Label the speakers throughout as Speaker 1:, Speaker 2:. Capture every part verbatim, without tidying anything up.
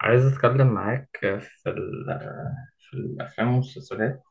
Speaker 1: عايز أتكلم معاك في ال في الأفلام والمسلسلات،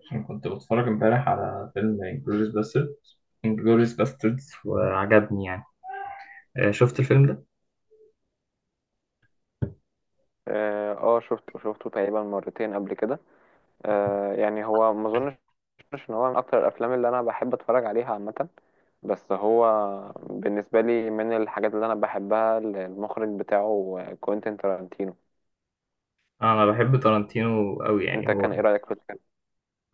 Speaker 1: عشان كنت بتفرج امبارح على فيلم انجلوريس باستردز، انجلوريس باستردز، وعجبني يعني. آه، شفت الفيلم ده؟
Speaker 2: اه آه، شفته شفته تقريبا مرتين قبل كده. آه يعني هو ما اظنش ان هو من اكتر الافلام اللي انا بحب اتفرج عليها عامه. بس هو بالنسبه لي من الحاجات اللي انا بحبها المخرج بتاعه، آه، كوينتين تارانتينو.
Speaker 1: أنا بحب تارانتينو أوي،
Speaker 2: انت
Speaker 1: يعني هو
Speaker 2: كان ايه رايك في الفيلم؟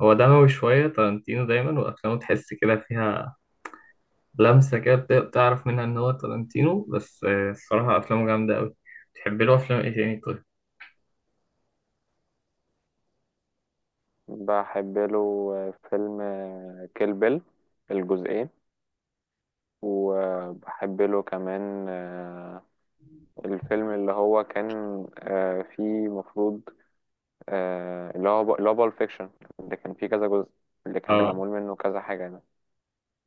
Speaker 1: هو دموي شوية، تارانتينو دايما وأفلامه تحس كده فيها لمسة كده بت- بتعرف منها إن هو تارانتينو، بس آه، الصراحة أفلامه جامدة أوي. بتحب له أفلام إيه تاني طيب؟
Speaker 2: بحب له آه، فيلم كيل بيل الجزئين، وبحب له كمان آه، الفيلم اللي هو كان، آه، فيه مفروض، آه، اللي هو ب- اللي هو بالب فيكشن، اللي كان فيه كذا جزء، اللي كان
Speaker 1: آه،
Speaker 2: معمول منه كذا حاجة ده.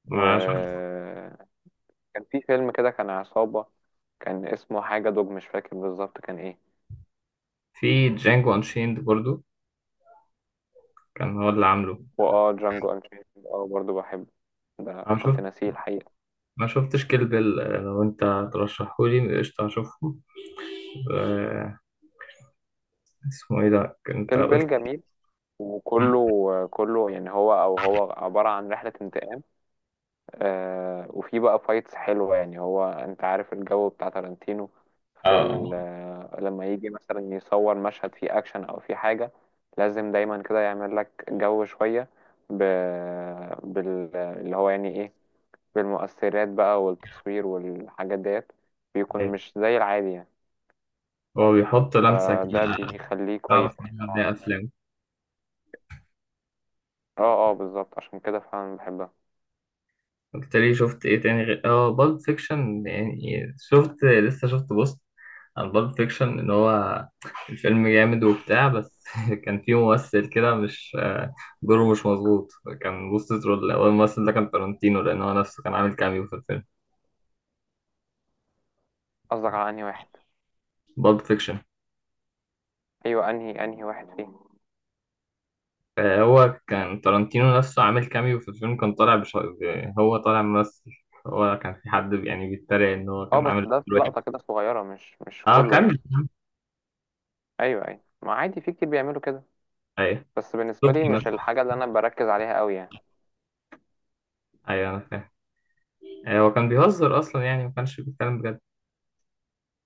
Speaker 1: ما شفت.
Speaker 2: وكان في فيلم كده كان عصابة، كان اسمه حاجة دوج، مش فاكر بالظبط كان ايه.
Speaker 1: في جانجو أنشيند برضو، كان هو اللي عامله.
Speaker 2: واه، جانجو انشيند اه برضو بحبه، ده كنت ناسيه الحقيقة.
Speaker 1: ما شفتش كيل بيل، آه، لو انت ترشحهولي قشطة هشوفه. آه، اسمه ايه ده انت
Speaker 2: كيل
Speaker 1: قلت؟
Speaker 2: بيل جميل، وكله كله يعني هو او هو عبارة عن رحلة انتقام. آه، وفي بقى فايتس حلوة، يعني هو انت عارف الجو بتاع تارانتينو.
Speaker 1: اه،
Speaker 2: في
Speaker 1: اه.
Speaker 2: ال- آه، لما يجي مثلا يصور مشهد فيه اكشن او فيه حاجة، لازم دايما كده يعمل لك جو شوية ب... بال... اللي هو يعني ايه بالمؤثرات بقى والتصوير والحاجات ديت. بيكون
Speaker 1: أيوة.
Speaker 2: مش زي العادي يعني،
Speaker 1: هو بيحط لمسة
Speaker 2: فده
Speaker 1: كده
Speaker 2: بيخليه كويس
Speaker 1: تعرف
Speaker 2: يعني.
Speaker 1: منها ان هي افلام.
Speaker 2: اه اه، بالظبط، عشان كده فعلا بحبها.
Speaker 1: قلت لي شفت ايه تاني غير اه بالب فيكشن؟ يعني شفت لسه شفت بوست عن بالب فيكشن، ان هو الفيلم جامد وبتاع، بس كان فيه ممثل كده مش آه، دوره مش مظبوط، كان بوست ترول هو الممثل ده كان تارانتينو لان هو نفسه كان عامل كاميو في الفيلم.
Speaker 2: قصدك على انهي واحد؟
Speaker 1: بالب فيكشن.
Speaker 2: ايوه، انهي انهي واحد فيه؟
Speaker 1: آه، هو كان تارانتينو نفسه عامل كاميو في الفيلم، كان طالع بش... ب- هو طالع ممثل، هو كان في حد يعني بيتريق ان هو
Speaker 2: اه،
Speaker 1: كان
Speaker 2: بس
Speaker 1: عامل
Speaker 2: ده
Speaker 1: دور
Speaker 2: في لقطة
Speaker 1: وحش.
Speaker 2: كده صغيرة، مش مش
Speaker 1: اه،
Speaker 2: كله
Speaker 1: كاميو.
Speaker 2: يعني. ايوه ايوه، ما عادي، في كتير بيعملوا كده.
Speaker 1: ايوه،
Speaker 2: بس بالنسبه لي
Speaker 1: توكي
Speaker 2: مش
Speaker 1: مثلا.
Speaker 2: الحاجه اللي انا بركز عليها قوي يعني.
Speaker 1: ايوه انا فاهم. آه، هو كان بيهزر اصلا يعني ما كانش بيتكلم بجد.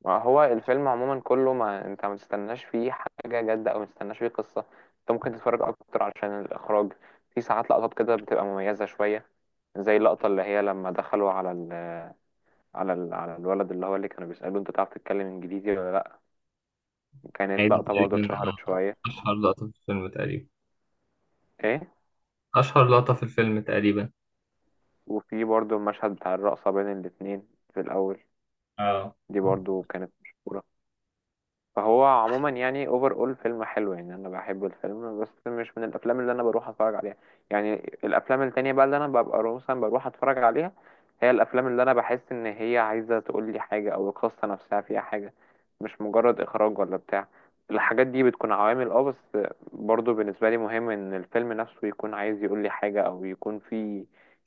Speaker 2: ما هو الفيلم عموما كله ما انت ما تستناش فيه حاجه جادة او ما تستناش فيه قصه. انت ممكن تتفرج اكتر علشان الاخراج. في ساعات لقطات كده بتبقى مميزه شويه، زي اللقطه اللي هي لما دخلوا على ال... على ال... على الولد اللي هو اللي كانوا بيسالوه انت تعرف تتكلم انجليزي ولا لا.
Speaker 1: يعني
Speaker 2: كانت
Speaker 1: دي
Speaker 2: لقطه برضو
Speaker 1: تقريبا
Speaker 2: اتشهرت شويه.
Speaker 1: اشهر لقطة في الفيلم تقريبا،
Speaker 2: ايه.
Speaker 1: اشهر لقطة في الفيلم تقريبا.
Speaker 2: وفي برضو المشهد بتاع الرقصه بين الاتنين في الاول،
Speaker 1: اه،
Speaker 2: دي برضو كانت مشهوره. فهو عموما يعني اوفر اول فيلم حلو، يعني انا بحب الفيلم بس مش من الافلام اللي انا بروح اتفرج عليها يعني. الافلام التانية بقى اللي انا ببقى مثلا بروح اتفرج عليها هي الافلام اللي انا بحس ان هي عايزة تقول لي حاجة او القصة نفسها فيها حاجة، مش مجرد اخراج ولا بتاع. الحاجات دي بتكون عوامل اه، بس برضو بالنسبة لي مهم ان الفيلم نفسه يكون عايز يقول لي حاجة او يكون فيه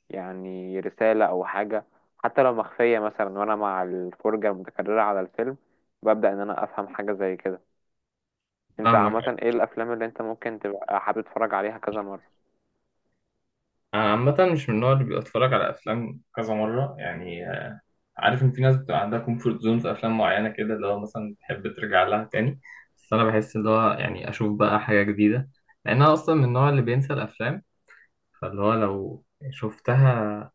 Speaker 2: يعني رسالة او حاجة، حتى لو مخفية مثلا، وانا مع الفرجة المتكررة على الفيلم ببدأ ان انا افهم حاجة زي كده. انت
Speaker 1: فاهمك.
Speaker 2: عامة ايه الافلام اللي انت ممكن تبقى حابب تتفرج عليها كذا مرة؟
Speaker 1: أنا عامة مش من النوع اللي بيتفرج على أفلام كذا مرة يعني، عارف ان في ناس بتبقى عندها كومفورت زون في افلام معينه كده اللي هو مثلا تحب ترجع لها تاني، بس انا بحس اللي هو يعني اشوف بقى حاجه جديده، لان انا اصلا من النوع اللي بينسى الافلام، فاللي هو لو شفتها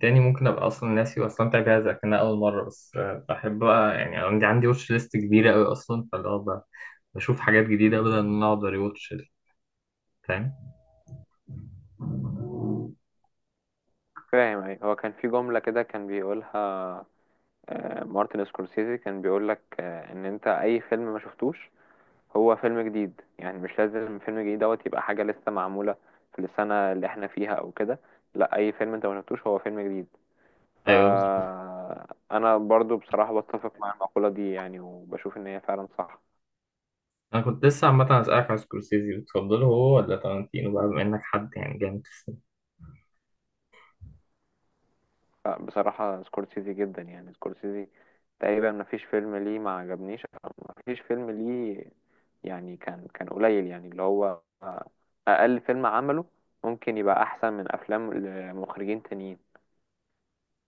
Speaker 1: تاني ممكن ابقى اصلا ناسي واستمتع بيها زي كانها اول مره. بس آه، بحب بقى يعني عندي عندي واتش ليست كبيره قوي اصلا، فاللي هو ب- بشوف حاجات جديده بدل ان انا اقعد اريوتش. فاهم.
Speaker 2: فاهم. ايه هو كان في جملة كده كان بيقولها، آه، مارتن سكورسيزي، كان بيقولك آه، ان انت اي فيلم ما شفتوش هو فيلم جديد. يعني مش لازم فيلم جديد دوت يبقى حاجة لسه معمولة في السنة اللي احنا فيها او كده، لا، اي فيلم انت ما شفتوش هو فيلم جديد.
Speaker 1: ايوه، بالظبط.
Speaker 2: فانا برضو بصراحة بتفق مع المقولة دي يعني، وبشوف ان هي فعلا صح.
Speaker 1: انا كنت لسه عامه اسالك على سكورسيزي، بتفضله هو ولا تارانتينو بقى بما انك حد يعني جامد في السينما؟
Speaker 2: لا، بصراحة سكورسيزي جدا، يعني سكورسيزي تقريبا ما فيش فيلم ليه ما عجبنيش أو ما فيش فيلم ليه، يعني كان كان قليل، يعني اللي هو أقل فيلم عمله ممكن يبقى أحسن من أفلام لمخرجين تانيين.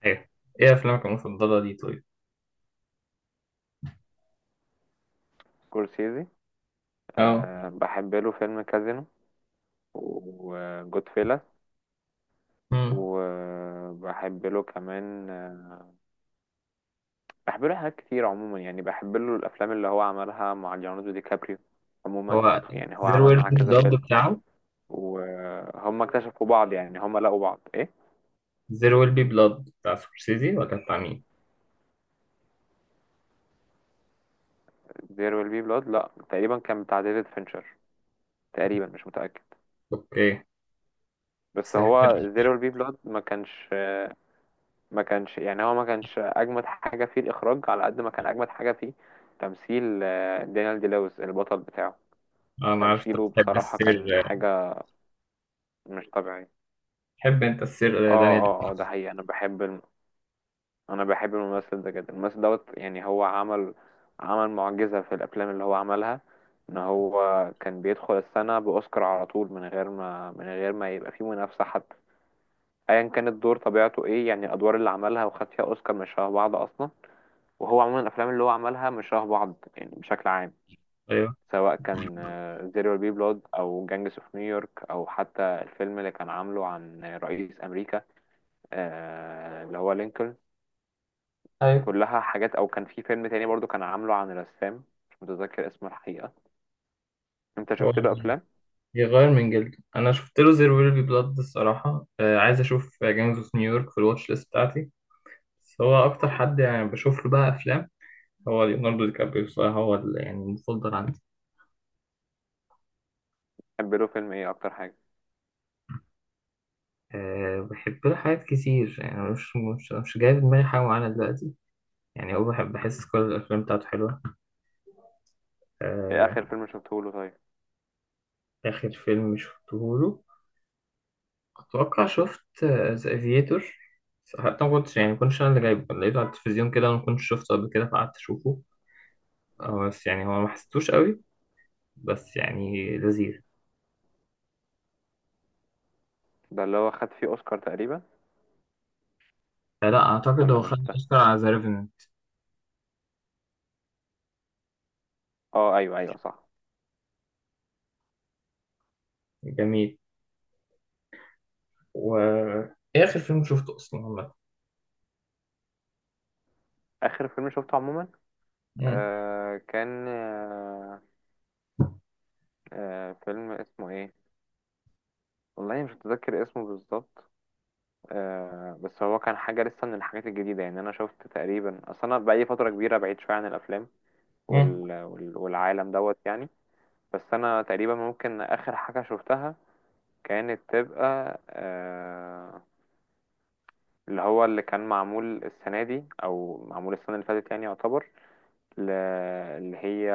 Speaker 1: ايوه. ايه افلامك المفضله دي طيب؟
Speaker 2: سكورسيزي،
Speaker 1: اه.
Speaker 2: أه، بحب له فيلم كازينو، وجود فيلا،
Speaker 1: مم.
Speaker 2: وبحب له كمان آه، بحب له حاجات كتير عموما. يعني بحب له الأفلام اللي هو عملها مع ليوناردو دي كابريو
Speaker 1: هو
Speaker 2: عموما. يعني هو
Speaker 1: زير
Speaker 2: عمل
Speaker 1: ويل
Speaker 2: معاه
Speaker 1: بي
Speaker 2: كذا
Speaker 1: بلاد
Speaker 2: فيلم،
Speaker 1: بتاعه.
Speaker 2: وهم اكتشفوا بعض يعني، هم لقوا بعض ايه.
Speaker 1: زير ويل بي بلاد بتاع سكورسيزي ولا بتاع مين؟
Speaker 2: There will be blood، لا تقريبا كان بتاع ديفيد فينشر تقريبا، مش متأكد.
Speaker 1: اوكي.
Speaker 2: بس
Speaker 1: بس
Speaker 2: هو There will be blood ما كانش، ما كانش يعني هو ما كانش اجمد حاجة فيه الاخراج على قد ما كان اجمد حاجة فيه تمثيل. آه، دانيال دي لويس البطل بتاعه،
Speaker 1: انا عارف انت
Speaker 2: تمثيله
Speaker 1: بتحب
Speaker 2: بصراحة كان
Speaker 1: السير.
Speaker 2: حاجة مش طبيعية.
Speaker 1: تحب انت
Speaker 2: اه
Speaker 1: السير دانيال؟
Speaker 2: اه اه، ده حقيقي. انا بحب انا بحب الممثل ده جدا. الممثل دوت يعني هو عمل، عمل معجزة في الافلام اللي هو عملها. ان هو كان بيدخل السنة باوسكار على طول، من غير ما من غير ما يبقى فيه منافسة حتى. ايا كان الدور طبيعته ايه، يعني الادوار اللي عملها وخد فيها اوسكار مش شبه بعض اصلا. وهو عموما الافلام اللي هو عملها مش شبه بعض يعني بشكل عام،
Speaker 1: ايوه،
Speaker 2: سواء كان زيرو بي بلود او جانجس اوف نيويورك او حتى الفيلم اللي كان عامله عن رئيس امريكا، آه، اللي هو لينكولن.
Speaker 1: ايوه.
Speaker 2: كلها حاجات. او كان في فيلم تاني برضو كان عامله عن رسام، مش متذكر اسمه الحقيقة. انت
Speaker 1: هو
Speaker 2: شفت له افلام؟
Speaker 1: بيغير من جلده، انا شفت له زير ويل بي بلاد الصراحه، آه، عايز اشوف جيمز اوف نيويورك في الواتش ليست بتاعتي، بس هو اكتر حد يعني بشوف له بقى افلام هو ليوناردو دي كابريو الصراحه، هو ال- يعني المفضل عندي.
Speaker 2: تحب له فيلم ايه اكتر حاجة؟
Speaker 1: أه، بحب له حاجات كتير يعني، مش مش مش جاي في دماغي حاجه معينه دلوقتي، يعني هو بحب، بحس كل الأفلام بتاعته حلوة.
Speaker 2: ايه اخر
Speaker 1: آه،
Speaker 2: فيلم شفته له طيب؟
Speaker 1: آخر فيلم شفته له أتوقع شفت ذا افيتور، حتى ما كنتش يعني ما كنتش أنا اللي جايبه، لقيته على التلفزيون كده وما كنتش شفته قبل كده، فقعدت أشوفه. آه، بس يعني هو ما حسيتوش قوي، بس يعني لذيذ.
Speaker 2: ده اللي هو خد فيه اوسكار تقريبا؟
Speaker 1: فلا، أعتقد
Speaker 2: ولا
Speaker 1: هو خد
Speaker 2: مش ده؟
Speaker 1: أوسكار على ذا ريفننت.
Speaker 2: اه ايوه ايوه صح.
Speaker 1: جميل. و إيه آخر فيلم شفته أصلا عامة؟
Speaker 2: اخر فيلم شفته عموما،
Speaker 1: مم.
Speaker 2: آه كان، آه آه فيلم اسمه ايه، والله مش متذكر اسمه بالظبط. آه، بس هو كان حاجة لسه من الحاجات الجديدة يعني. أنا شفت تقريبا، أصل أنا بقالي فترة كبيرة بعيد شوية عن الأفلام
Speaker 1: مم.
Speaker 2: وال... وال... والعالم دوت يعني. بس انا تقريبا ممكن اخر حاجة شفتها كانت تبقى آه، اللي هو اللي كان معمول السنة دي او معمول السنة اللي فاتت يعني يعتبر، ل- اللي هي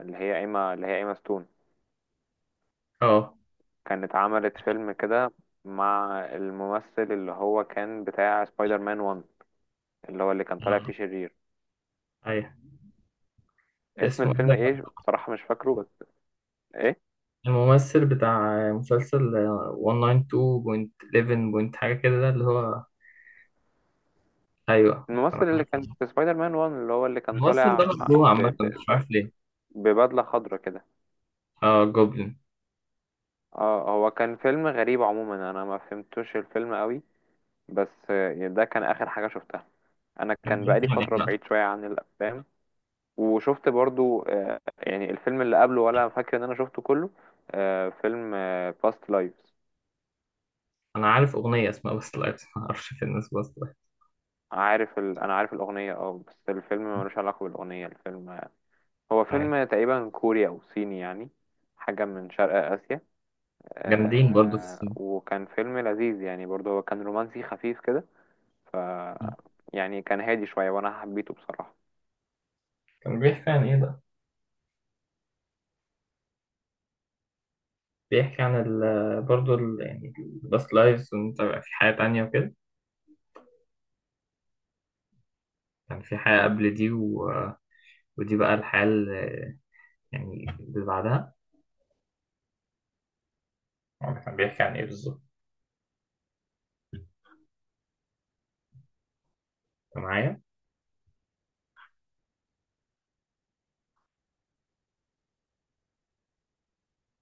Speaker 2: اللي هي ايما اللي هي ايما ستون،
Speaker 1: اه.
Speaker 2: كانت عملت فيلم كده مع الممثل اللي هو كان بتاع سبايدر مان واحد، اللي هو اللي كان طالع فيه شرير.
Speaker 1: أيوه.
Speaker 2: اسم
Speaker 1: اسمه إيه
Speaker 2: الفيلم
Speaker 1: ده؟
Speaker 2: ايه بصراحة مش فاكره، بس ايه،
Speaker 1: الممثل بتاع مسلسل مية اتنين وتسعين فاصلة حداشر بوينت حاجة كده ده اللي هو. ايوه.
Speaker 2: الممثل اللي كان في سبايدر مان واحد اللي هو اللي كان
Speaker 1: الممثل ده
Speaker 2: طالع
Speaker 1: مخلوع
Speaker 2: ب...
Speaker 1: عامة
Speaker 2: ب...
Speaker 1: مش عارف ليه.
Speaker 2: ببدلة خضراء كده.
Speaker 1: اه، جوبلين.
Speaker 2: اه، هو كان فيلم غريب عموما، انا ما فهمتوش الفيلم قوي. بس آه، ده كان اخر حاجة شفتها. انا
Speaker 1: كان
Speaker 2: كان
Speaker 1: بيحكي
Speaker 2: بقالي
Speaker 1: عن ايه
Speaker 2: فترة
Speaker 1: بقى؟
Speaker 2: بعيد شوية عن الافلام. وشفت برضو آه، يعني الفيلم اللي قبله، ولا فاكر ان انا شفته كله، آه، فيلم باست لايفز.
Speaker 1: انا عارف اغنية اسمها بس لايف، ما اعرفش في الناس بس
Speaker 2: عارف ال... انا عارف الاغنية اه، بس الفيلم ملوش علاقة بالاغنية. الفيلم آه، هو
Speaker 1: لايف.
Speaker 2: فيلم تقريبا كوري او صيني يعني، حاجة من شرق اسيا.
Speaker 1: جامدين برضه في
Speaker 2: آه،
Speaker 1: السينما.
Speaker 2: وكان فيلم لذيذ يعني برضو، هو كان رومانسي خفيف كده. ف يعني كان هادي شوية وأنا حبيته بصراحة.
Speaker 1: كان بيحكي عن ايه بقى؟ بيحكي عن ال برضه ال يعني الباست لايفز، وانت بقى في حياة تانية وكده، كان في حياة قبل دي و... ودي بقى الحياة اللي يعني اللي بعدها. هو كان بيحكي عن ايه بالظبط؟ أنت معايا؟